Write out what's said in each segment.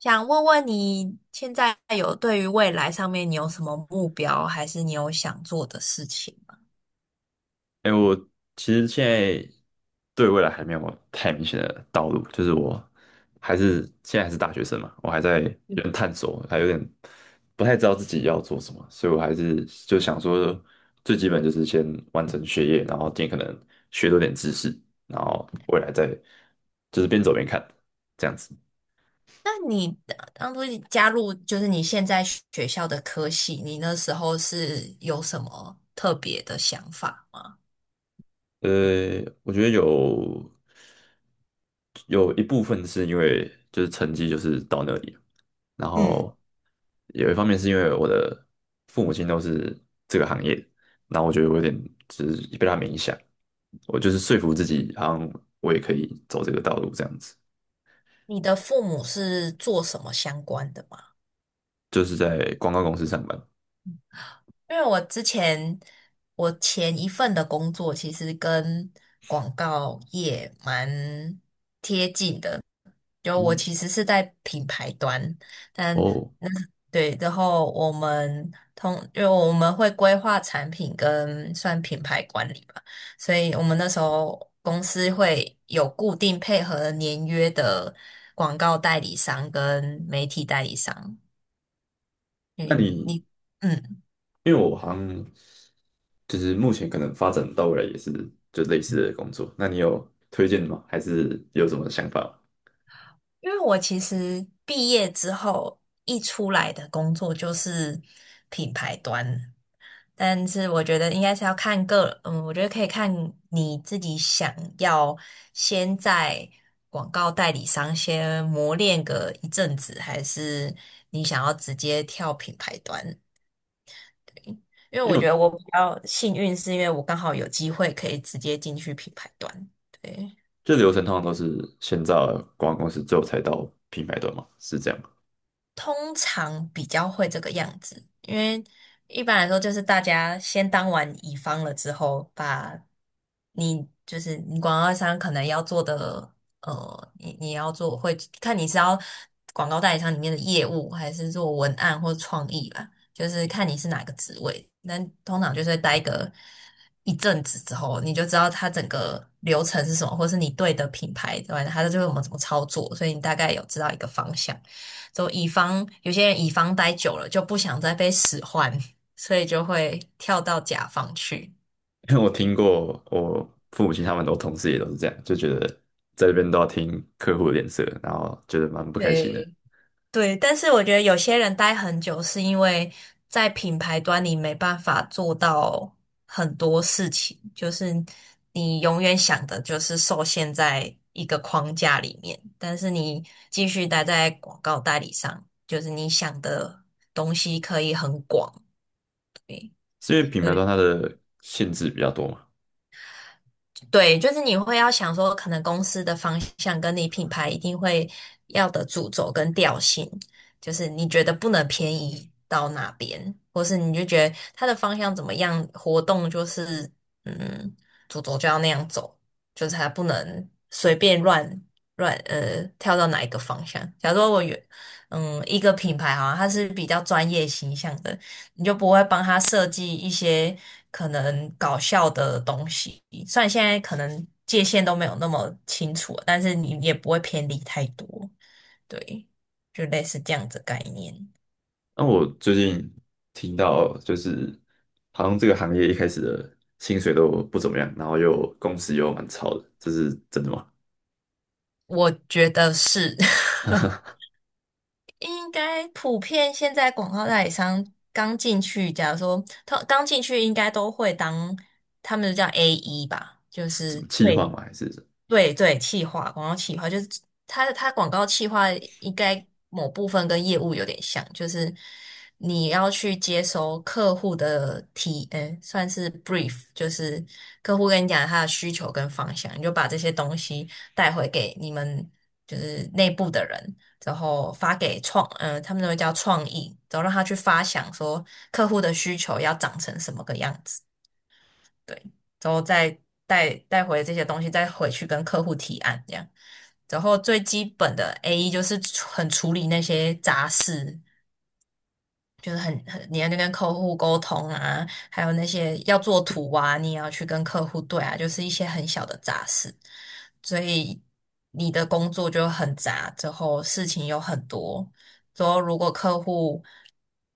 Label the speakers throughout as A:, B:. A: 想问问你现在有对于未来上面你有什么目标，还是你有想做的事情吗？
B: 哎、我其实现在对未来还没有太明显的道路，就是我现在还是大学生嘛，我还在有点探索，还有点不太知道自己要做什么，所以我还是就想说，最基本就是先完成学业，然后尽可能学多点知识，然后未来再就是边走边看这样子。
A: 那你呃当初你加入就是你现在学校的科系，你那时候是有什么特别的想法吗？
B: 我觉得有一部分是因为就是成绩就是到那里，然
A: 嗯，
B: 后有一方面是因为我的父母亲都是这个行业，那我觉得我有点就是被他们影响，我就是说服自己，好像我也可以走这个道路这样子，
A: 你的父母是做什么相关的吗？
B: 就是在广告公司上班。
A: 因为我前一份的工作其实跟广告业蛮贴近的，就我
B: 嗯。
A: 其实是在品牌端，但
B: 哦。
A: 那对，然后我们通，因为我们会规划产品跟算品牌管理吧，所以我们那时候公司会有固定配合年约的广告代理商跟媒体代理商，
B: 那
A: 对，
B: 你
A: 你。嗯。
B: 因为我好像就是目前可能发展到未来也是就类似的工作，那你有推荐的吗？还是有什么想法吗？
A: 因为我其实毕业之后一出来的工作就是品牌端，但是我觉得应该是要看个，我觉得可以看你自己想要先在广告代理商先磨练个一阵子，还是你想要直接跳品牌端？因为
B: 因
A: 我
B: 为
A: 觉
B: 我
A: 得我比较幸运，是因为我刚好有机会可以直接进去品牌端，对。
B: 这流程通常都是先到广告公司，最后才到品牌端嘛，是这样。
A: 通常比较会这个样子，因为一般来说就是大家先当完乙方了之后，把你就是你广告商可能要做的，你要做会看你是要广告代理商里面的业务，还是做文案或创意吧，就是看你是哪个职位。那通常就是会待个一阵子之后，你就知道它整个流程是什么，或是你对的品牌对吧，它就会我们怎么操作，所以你大概有知道一个方向。就乙方有些人乙方待久了就不想再被使唤，所以就会跳到甲方去。
B: 因为我听
A: 对
B: 过我父母亲他们我同事也都是这样，就觉得在这边都要听客户的脸色，然后觉得蛮不开心的，
A: 对，对，但是我觉得有些人待很久是因为在品牌端你没办法做到很多事情，就是你永远想的就是受限在一个框架里面，但是你继续待在广告代理商，就是你想的东西可以很广。
B: 是因为品牌端它的限制比较多嘛。
A: 对，就是你会要想说，可能公司的方向跟你品牌一定会要的主轴跟调性，就是你觉得不能偏移到哪边，或是你就觉得它的方向怎么样，活动就是嗯，主轴就要那样走，就是它不能随便乱跳到哪一个方向。假如说我原嗯一个品牌好像它是比较专业形象的，你就不会帮他设计一些可能搞笑的东西。虽然现在可能界限都没有那么清楚了，但是你也不会偏离太多。对，就类似这样子概念，
B: 那我最近听到就是好像这个行业一开始的薪水都不怎么样，然后又公司又蛮超的，这是真的吗？
A: 我觉得是 应该普遍现在广告代理商刚进去，假如说他刚进去，应该都会当他们叫 AE 吧，就
B: 是什
A: 是
B: 么气话
A: 最
B: 吗？还是什么？
A: 对对，企划广告企划就是它广告企划应该某部分跟业务有点像，就是你要去接收客户的提，嗯，算是 brief，就是客户跟你讲他的需求跟方向，你就把这些东西带回给你们就是内部的人，然后发给创，嗯、他们都会叫创意，然后让他去发想说客户的需求要长成什么个样子。对，之后再带回这些东西，再回去跟客户提案这样。然后最基本的 AE 就是处理那些杂事，就是你要去跟客户沟通啊，还有那些要做图啊，你也要去跟客户对啊，就是一些很小的杂事。所以你的工作就很杂，之后事情有很多。之后如果客户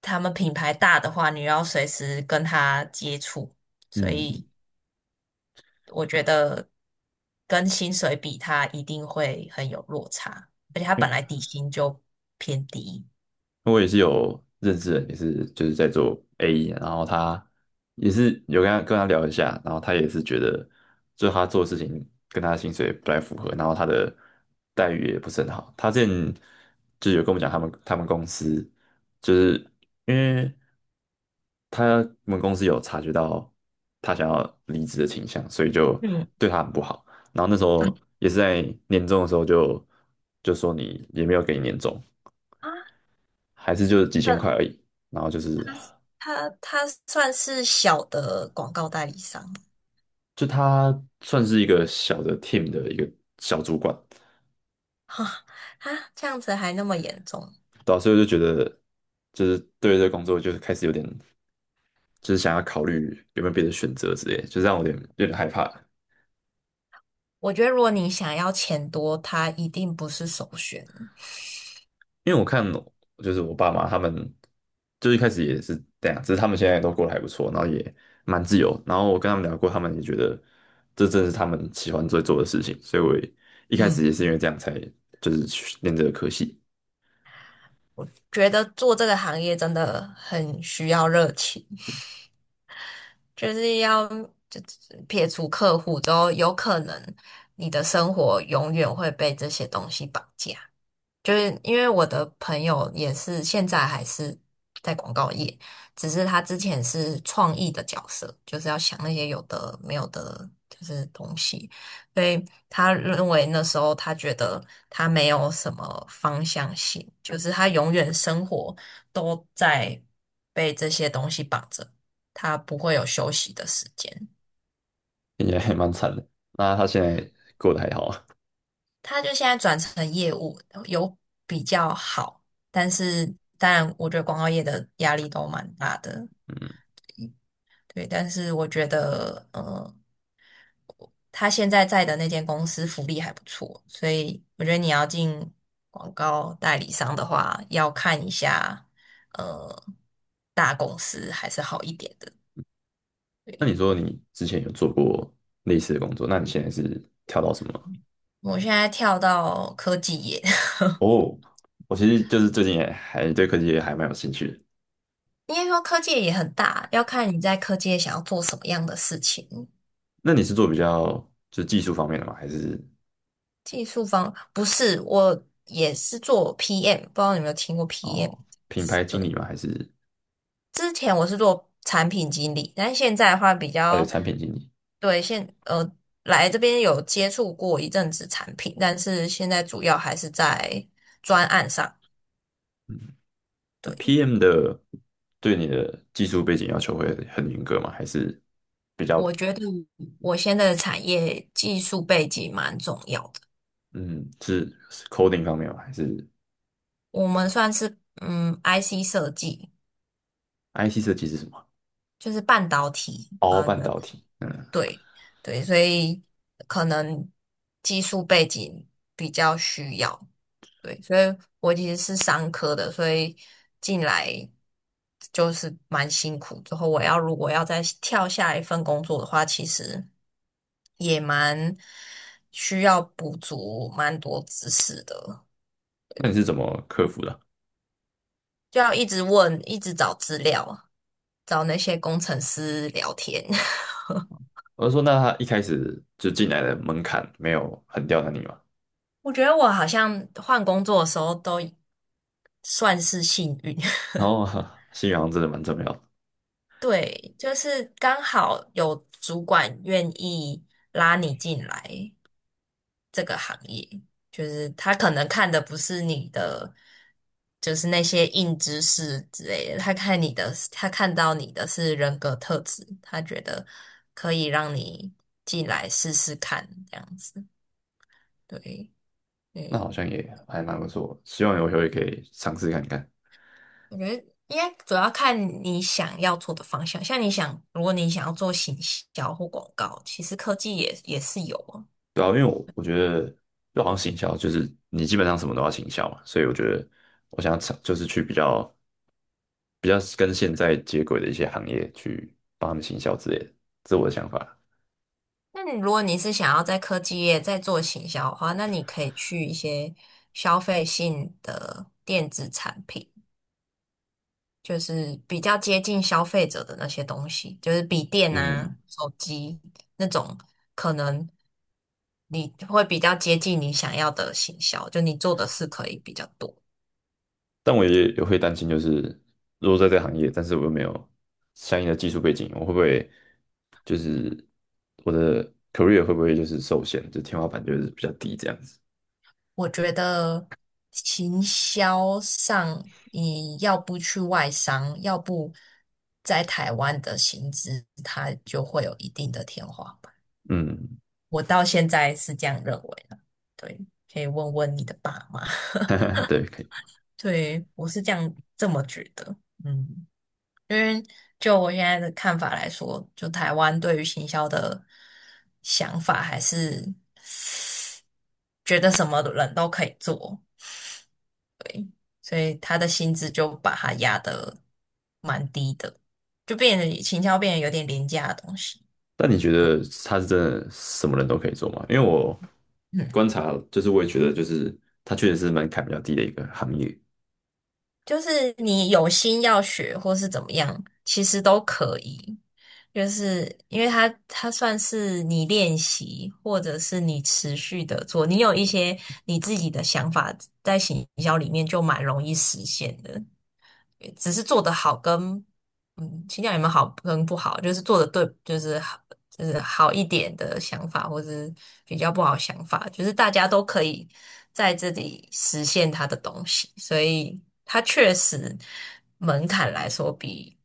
A: 他们品牌大的话，你要随时跟他接触，所
B: 嗯。
A: 以。我觉得跟薪水比，它一定会很有落差，而且它本来底薪就偏低。
B: 我也是有认识人，也是就是在做 AE,然后他也是有跟他聊一下，然后他也是觉得，就他做的事情跟他的薪水不太符合，然后他的待遇也不是很好。他之前就有跟我们讲，他们公司就是因为他们公司有察觉到他想要离职的倾向，所以就
A: 嗯，
B: 对他很不好。然后那时候也是在年终的时候就就说你也没有给你年终，
A: 啊，
B: 还是就几千
A: 呃，
B: 块而已。然后就是
A: 他他算是小的广告代理商吗？
B: 就他算是一个小的 team 的一个小主管，
A: 哈 啊，这样子还那么严重？
B: 导时我就觉得就是对这个工作就是开始有点就是想要考虑有没有别的选择之类的，就让我有点害怕。
A: 我觉得如果你想要钱多，他一定不是首选。
B: 因为我看就是我爸妈他们，就一开始也是这样，只是他们现在都过得还不错，然后也蛮自由。然后我跟他们聊过，他们也觉得这正是他们喜欢最做的事情，所以我也一开始
A: 嗯，
B: 也是因为这样才就是去念这个科系。
A: 觉得做这个行业真的很需要热情。就是要就撇除客户之后，有可能你的生活永远会被这些东西绑架。就是因为我的朋友也是现在还是在广告业，只是他之前是创意的角色，就是要想那些有的没有的，就是东西。所以他认为那时候他觉得他没有什么方向性，就是他永远生活都在被这些东西绑着，他不会有休息的时间。
B: 听起来还蛮惨的。那他现在过得还好啊？
A: 他就现在转成业务，有比较好，但是当然，我觉得广告业的压力都蛮大的，
B: 嗯。
A: 对。但是我觉得，他现在在的那间公司福利还不错，所以我觉得你要进广告代理商的话，要看一下，呃，大公司还是好一点的。
B: 那
A: 对，
B: 你说你之前有做过类似的工作，那你现在是跳到什么？
A: 我现在跳到科技业，
B: 哦，我其实就是最近也还对科技也还蛮有兴趣的。
A: 应该说科技业也很大，要看你在科技业想要做什么样的事情。
B: 那你是做比较就是技术方面的吗？还是
A: 技术方不是，我也是做 PM，不知道你有没有听过 PM？
B: 哦品牌
A: 对，
B: 经理吗？还是
A: 之前我是做产品经理，但现在的话比
B: 哦对
A: 较
B: 产品经理？
A: 对现呃来这边有接触过一阵子产品，但是现在主要还是在专案上。
B: 嗯，
A: 对，
B: PM 的对你的技术背景要求会很严格吗？还是比较
A: 我觉得我现在的产业技术背景蛮重要的，
B: 嗯是是 coding 方面吗？还是
A: 我们算是IC 设计，
B: IC 设计是什么？
A: 就是半导体，
B: 哦，
A: 啊，
B: 半导体。嗯。
A: 对对，所以可能技术背景比较需要。对，所以我其实是商科的，所以进来就是蛮辛苦。之后我要如果要再跳下一份工作的话，其实也蛮需要补足蛮多知识的，
B: 那你是怎么克服的？
A: 就要一直问，一直找资料，找那些工程师聊天。
B: 我就说，那他一开始就进来的门槛没有很刁难你嘛？
A: 我觉得我好像换工作的时候都算是幸运，
B: 然后 信仰真的蛮重要的，
A: 对，就是刚好有主管愿意拉你进来这个行业，就是他可能看的不是你的，就是那些硬知识之类的，他看到你的是人格特质，他觉得可以让你进来试试看，这样子。对，
B: 那好
A: 嗯，
B: 像也还蛮不错，希望有机会可以尝试看看。
A: 我觉得应该主要看你想要做的方向，像你想，如果你想要做行销或广告，其实科技也是有啊。
B: 对啊，因为我觉得就好像行销，就是你基本上什么都要行销嘛，所以我觉得我想尝就是去比较跟现在接轨的一些行业去帮他们行销之类的，这是我的想法。
A: 那你如果是想要在科技业再做行销的话，那你可以去一些消费性的电子产品，就是比较接近消费者的那些东西，就是笔电
B: 嗯，
A: 啊、手机那种，可能你会比较接近你想要的行销，就你做的事可以比较多。
B: 但我也会担心，就是如果在这个行业，但是我又没有相应的技术背景，我会不会就是我的 career 会不会就是受限，就天花板就是比较低这样子？
A: 我觉得行销上，你要不去外商，要不在台湾的薪资，它就会有一定的天花板。
B: 嗯。
A: 我到现在是这样认为的，对，可以问问你的爸妈。
B: 对，可以。
A: 对，我是这样这么觉得，嗯，因为就我现在的看法来说，就台湾对于行销的想法，还是觉得什么人都可以做，所以他的薪资就把它压得蛮低的，就变得行销变得有点廉价的东西。
B: 但你觉得他是真的什么人都可以做吗？因为我
A: 嗯，
B: 观察，就是我也觉得，就是他确实是门槛比较低的一个行业。
A: 就是你有心要学或是怎么样，其实都可以。就是因为他算是你练习，或者是你持续的做，你有一些你自己的想法在行销里面就蛮容易实现的。只是做得好跟嗯，倾向有没有好跟不好，就是做的对，就是好，就是好一点的想法，或是比较不好的想法，就是大家都可以在这里实现他的东西，所以他确实门槛来说比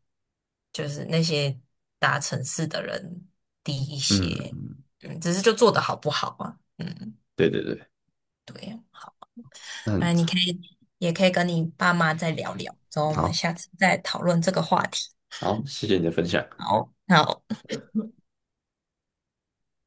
A: 就是那些大城市的人低一些，
B: 嗯。
A: 嗯，只是就做的好不好啊，嗯，
B: 对对对。
A: 对啊，
B: 那很
A: 哎，你也可以跟你爸妈再聊聊，之后我们
B: 好。
A: 下次再讨论这个话题。
B: 好，谢谢你的分享。
A: 好，那